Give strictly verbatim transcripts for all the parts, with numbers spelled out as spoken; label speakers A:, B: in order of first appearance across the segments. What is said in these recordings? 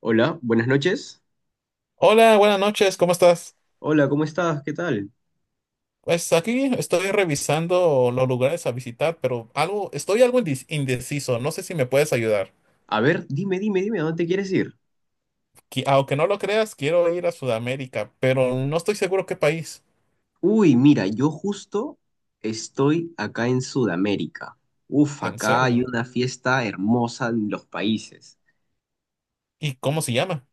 A: Hola, buenas noches.
B: Hola, buenas noches, ¿cómo estás?
A: Hola, ¿cómo estás? ¿Qué tal?
B: Pues aquí estoy revisando los lugares a visitar, pero algo, estoy algo indec- indeciso, no sé si me puedes ayudar.
A: A ver, dime, dime, dime, ¿a dónde quieres ir?
B: Qui- aunque no lo creas, quiero ir a Sudamérica, pero no estoy seguro qué país,
A: Uy, mira, yo justo estoy acá en Sudamérica. Uf,
B: en
A: acá hay
B: serio.
A: una fiesta hermosa en los países.
B: ¿Y cómo se llama?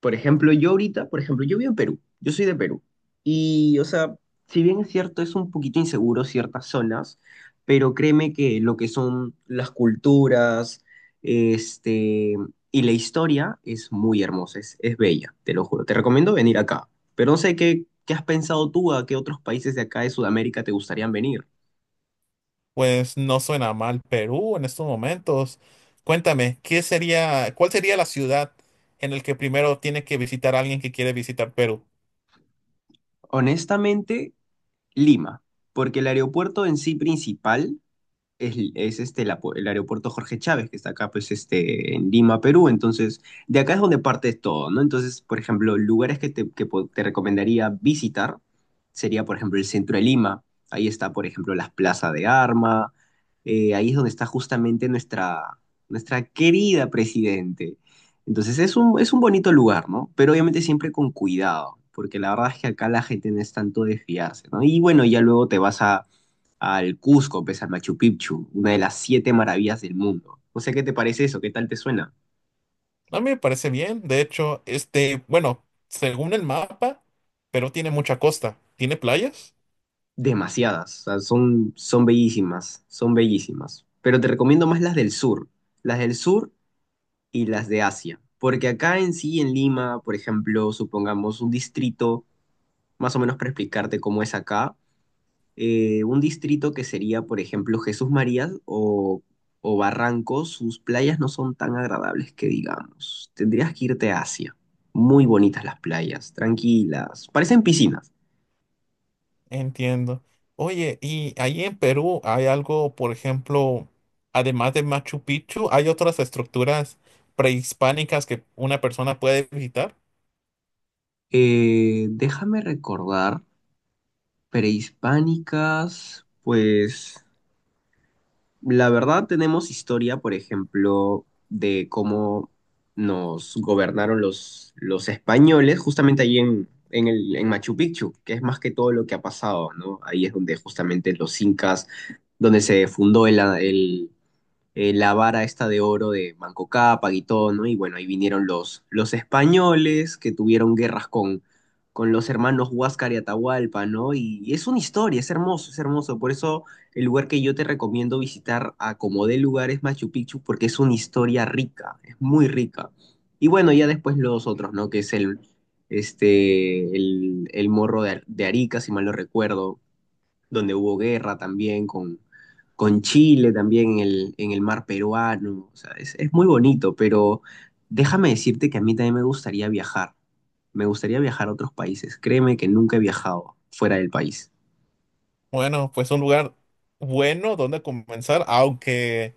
A: Por ejemplo, yo ahorita, por ejemplo, yo vivo en Perú, yo soy de Perú. Y, o sea, si bien es cierto, es un poquito inseguro ciertas zonas, pero créeme que lo que son las culturas, este, y la historia es muy hermosa, es, es bella, te lo juro. Te recomiendo venir acá, pero no sé qué, qué has pensado tú, a qué otros países de acá de Sudamérica te gustarían venir.
B: Pues no suena mal Perú en estos momentos. Cuéntame, ¿qué sería, ¿cuál sería la ciudad en la que primero tiene que visitar alguien que quiere visitar Perú?
A: Honestamente, Lima, porque el aeropuerto en sí principal es, es este, la pu- el aeropuerto Jorge Chávez, que está acá, pues, este, en Lima, Perú. Entonces, de acá es donde parte todo, ¿no? Entonces, por ejemplo, lugares que te, que po- te recomendaría visitar sería, por ejemplo, el centro de Lima. Ahí está, por ejemplo, las plazas de Arma. Eh, ahí es donde está justamente nuestra, nuestra querida presidente. Entonces, es un, es un bonito lugar, ¿no? Pero obviamente siempre con cuidado, porque la verdad es que acá la gente no es tanto de fiarse, ¿no? Y bueno, ya luego te vas a al Cusco, pues al Machu Picchu, una de las siete maravillas del mundo. O sea, ¿qué te parece eso? ¿Qué tal te suena?
B: A mí me parece bien. De hecho, este, bueno, según el mapa, pero tiene mucha costa. ¿Tiene playas?
A: Demasiadas, o sea, son, son bellísimas, son bellísimas. Pero te recomiendo más las del sur, las del sur y las de Asia. Porque acá en sí, en Lima, por ejemplo, supongamos un distrito, más o menos para explicarte cómo es acá, eh, un distrito que sería, por ejemplo, Jesús María o, o Barranco, sus playas no son tan agradables que digamos. Tendrías que irte a Asia. Muy bonitas las playas, tranquilas, parecen piscinas.
B: Entiendo. Oye, ¿y ahí en Perú hay algo, por ejemplo, además de Machu Picchu, hay otras estructuras prehispánicas que una persona puede visitar?
A: Eh, déjame recordar, prehispánicas, pues la verdad, tenemos historia, por ejemplo, de cómo nos gobernaron los, los españoles, justamente ahí en, en el, en Machu Picchu, que es más que todo lo que ha pasado, ¿no? Ahí es donde justamente los incas, donde se fundó el, el, eh, la vara esta de oro de Manco Cápac y todo, ¿no? Y bueno, ahí vinieron los, los españoles que tuvieron guerras con, con los hermanos Huáscar y Atahualpa, ¿no? Y, y es una historia, es hermoso, es hermoso. Por eso el lugar que yo te recomiendo visitar a como de lugar es Machu Picchu, porque es una historia rica, es muy rica. Y bueno, ya después los otros, ¿no? Que es el, este, el, el morro de, de Arica, si mal no recuerdo donde hubo guerra también con, con Chile, también en el, en el mar peruano. O sea, es, es muy bonito, pero déjame decirte que a mí también me gustaría viajar. Me gustaría viajar a otros países. Créeme que nunca he viajado fuera del país.
B: Bueno, pues un lugar bueno donde comenzar, aunque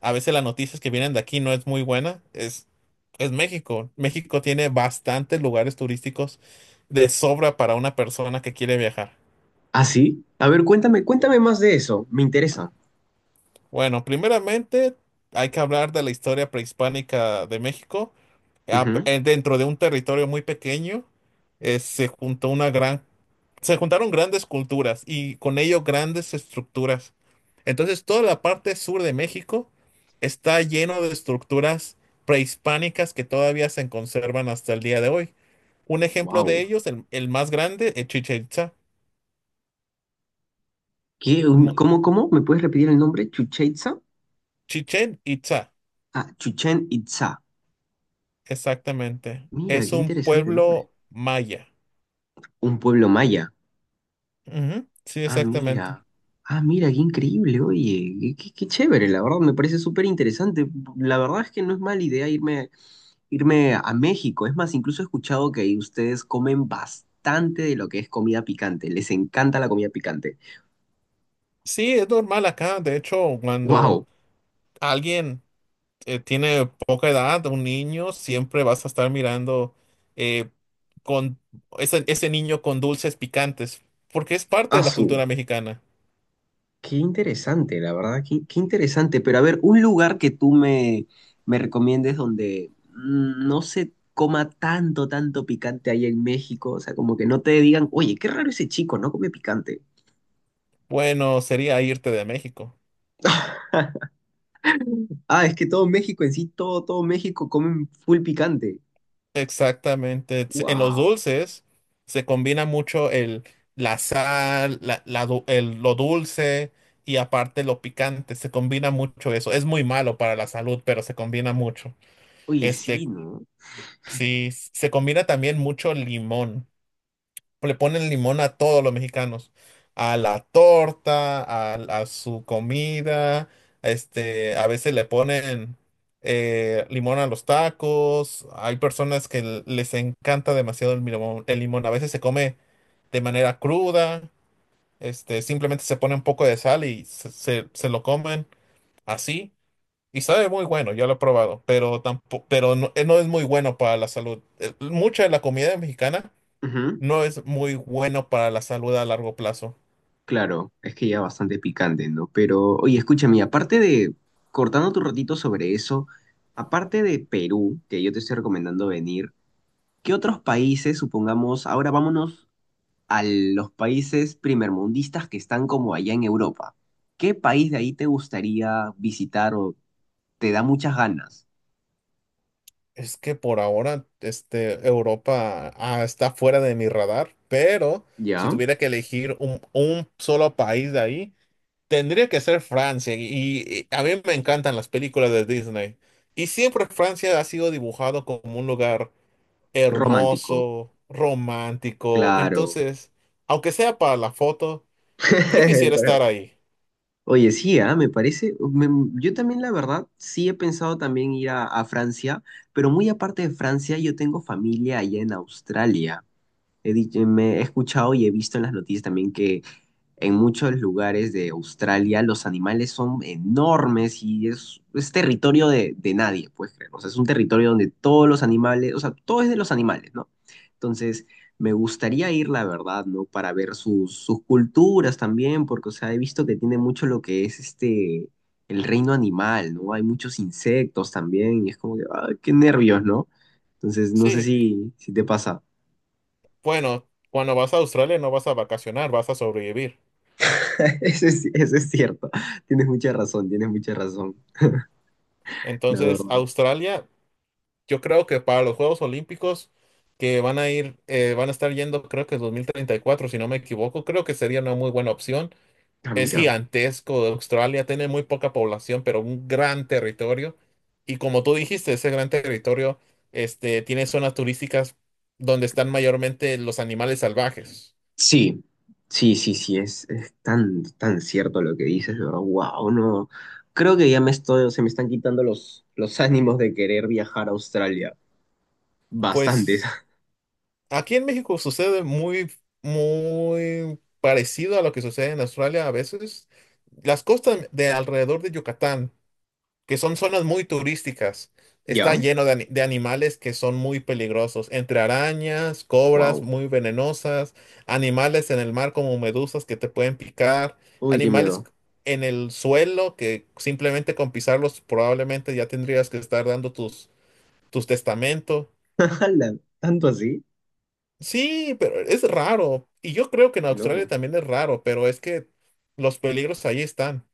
B: a veces las noticias que vienen de aquí no es muy buena, es, es México. México tiene bastantes lugares turísticos de sobra para una persona que quiere viajar.
A: ¿Ah, sí? A ver, cuéntame, cuéntame más de eso. Me interesa.
B: Bueno, primeramente hay que hablar de la historia prehispánica de México. Ah, p- eh, Dentro de un territorio muy pequeño, eh, se juntó una gran, se juntaron grandes culturas y con ello grandes estructuras. Entonces, toda la parte sur de México está lleno de estructuras prehispánicas que todavía se conservan hasta el día de hoy. Un ejemplo de
A: Wow.
B: ellos, el, el más grande, es Chichén Itzá.
A: ¿Qué, un-
B: No,
A: cómo, cómo? ¿Me puedes repetir el nombre? ¿Chucha Itzá?
B: Chichén Itzá,
A: Ah, Chuchen Itzá.
B: exactamente.
A: Mira,
B: Es
A: qué
B: un
A: interesante nombre.
B: pueblo maya.
A: Un pueblo maya.
B: Ujú, sí,
A: Ah,
B: exactamente.
A: mira. Ah, mira, qué increíble, oye, qué, qué- qué chévere, la verdad, me parece súper interesante. La verdad es que no es mala idea irme, irme a México. Es más, incluso he escuchado que ahí ustedes comen bastante de lo que es comida picante. Les encanta la comida picante.
B: Sí, es normal acá. De hecho, cuando
A: ¡Wow!
B: alguien eh, tiene poca edad, un niño, siempre vas a estar mirando eh, con ese, ese niño con dulces picantes, porque es parte de la
A: ¡Asu!
B: cultura mexicana.
A: Qué interesante, la verdad, qué, qué interesante. Pero a ver, un lugar que tú me, me recomiendes donde mm, no se coma tanto, tanto picante ahí en México. O sea, como que no te digan, oye, qué raro ese chico, no come picante.
B: Bueno, sería irte de México.
A: Ah, es que todo México en sí, todo, todo México comen full picante.
B: Exactamente. Se- En los
A: Wow.
B: dulces se combina mucho el, la sal, la, la du- el- lo dulce y aparte lo picante. Se combina mucho eso. Es muy malo para la salud, pero se combina mucho.
A: Oye, sí,
B: Este,
A: ¿no?
B: sí, se combina también mucho limón. Le ponen limón a todos los mexicanos, a la torta, a, a su comida, este, a veces le ponen eh, limón a los tacos, hay personas que l- les encanta demasiado el limón, el limón, a veces se come de manera cruda, este, simplemente se pone un poco de sal y se, se- se lo comen así. Y sabe muy bueno, yo lo he probado, pero tampoco, pero no, eh, no es muy bueno para la salud. Eh, Mucha de la comida mexicana
A: Ujú,
B: no es muy bueno para la salud a largo plazo.
A: claro, es que ya bastante picante, ¿no? Pero, oye, escúchame, aparte de, cortando tu ratito sobre eso, aparte de Perú, que yo te estoy recomendando venir, ¿qué otros países, supongamos, ahora vámonos a los países primermundistas que están como allá en Europa? ¿Qué país de ahí te gustaría visitar o te da muchas ganas?
B: Es que por ahora, este, Europa, ah, está fuera de mi radar, pero si
A: ¿Ya?
B: tuviera que elegir un, un solo país de ahí, tendría que ser Francia. Y, y a mí me encantan las películas de Disney. Y siempre Francia ha sido dibujado como un lugar
A: Romántico.
B: hermoso, romántico.
A: Claro.
B: Entonces, aunque sea para la foto, yo quisiera estar ahí.
A: Oye, sí, ah, me parece, me- yo también la verdad, sí he pensado también ir a, a Francia, pero muy aparte de Francia, yo tengo familia allá en Australia. He, dicho- me he escuchado y he visto en las noticias también en muchos lugares de Australia. Los animales son enormes y es, es territorio de, de nadie, puedes creer. O sea, es un territorio donde todos los animales, o sea, todo es de los animales, ¿no? Entonces, me gustaría ir, la verdad, ¿no? Para ver sus, sus culturas también, porque, o sea, he visto que tiene mucho lo que es este, el reino animal, ¿no? Hay muchos insectos también y es como que, ah, qué nervios, ¿no? Entonces, no sé
B: Sí,
A: si, si te pasa.
B: bueno, cuando vas a Australia no vas a vacacionar, vas a sobrevivir.
A: Eso es, eso es cierto. Tienes mucha razón, tienes mucha razón. La
B: Entonces,
A: verdad.
B: Australia, yo creo que para los Juegos Olímpicos que van a ir, eh, van a estar yendo, creo que es dos mil treinta y cuatro, si no me equivoco, creo que sería una muy buena opción.
A: Ah,
B: Es
A: mira.
B: gigantesco, Australia tiene muy poca población, pero un gran territorio. Y como tú dijiste, ese gran territorio, este, tiene zonas turísticas donde están mayormente los animales salvajes.
A: Sí, sí, sí, sí, es, es tan, tan cierto lo que dices, de verdad. Wow, no. Creo que ya me estoy, se me están quitando los, los ánimos de querer viajar a Australia. Bastantes.
B: Pues aquí en México sucede muy, muy parecido a lo que sucede en Australia a veces. Las costas de alrededor de Yucatán, que son zonas muy turísticas, está
A: ¿Ya?
B: lleno de, ani- de animales que son muy peligrosos, entre arañas, cobras
A: Wow.
B: muy venenosas, animales en el mar como medusas que te pueden picar,
A: Uy, qué
B: animales
A: miedo.
B: en el suelo que simplemente con pisarlos probablemente ya tendrías que estar dando tus, tus testamentos.
A: Ala, ¿tanto así?
B: Sí, pero es raro. Y yo creo que en
A: Qué
B: Australia
A: loco.
B: también es raro, pero es que los peligros ahí están.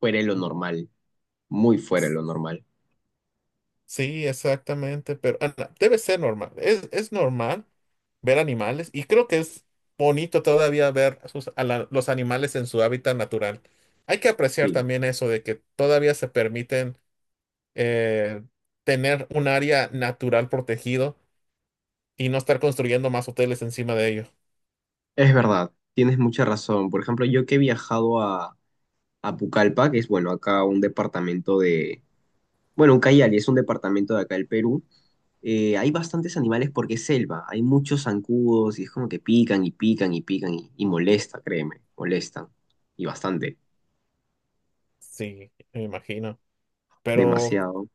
A: Fuera de lo normal. Muy fuera de
B: S-
A: lo normal.
B: Sí, exactamente, pero ah, no, debe ser normal. Es, es normal ver animales y creo que es bonito todavía ver sus- a la- los animales en su hábitat natural. Hay que apreciar
A: Sí.
B: también eso de que todavía se permiten eh, tener un área natural protegido y no estar construyendo más hoteles encima de ello.
A: Es verdad. Tienes mucha razón. Por ejemplo, yo que he viajado a, a Pucallpa, que es, bueno, acá un departamento de. Bueno, un Cayali es un departamento de acá del Perú. Eh, hay bastantes animales porque es selva, hay muchos zancudos y es como que pican y pican y pican y, y molesta, créeme, molestan. Y bastante,
B: Sí, me imagino. Pero
A: demasiado.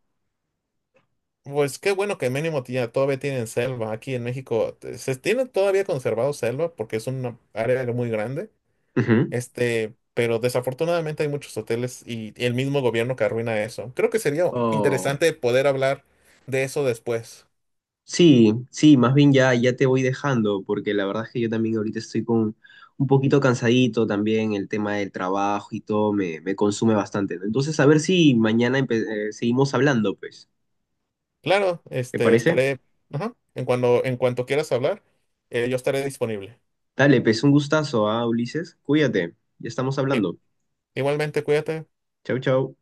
B: pues qué bueno que mínimo tía- todavía tienen selva. Aquí en México eh, se tiene todavía conservado selva porque es una área muy grande.
A: Ujú.
B: Este, pero desafortunadamente hay muchos hoteles y, y el mismo gobierno que arruina eso. Creo que sería
A: Oh,
B: interesante poder hablar de eso después.
A: sí, sí, más bien ya, ya te voy dejando porque la verdad es que yo también ahorita estoy con un poquito cansadito también, el tema del trabajo y todo me, me consume bastante. ¿No? Entonces, a ver si mañana empe- eh, seguimos hablando, pues.
B: Claro,
A: ¿Te
B: este,
A: parece?
B: estaré, ajá, en cuando, en cuanto quieras hablar, eh, yo estaré disponible.
A: Dale, pues un gustazo, ¿ah, Ulises? Cuídate, ya estamos
B: I-
A: hablando.
B: Igualmente, cuídate.
A: Chau, chau.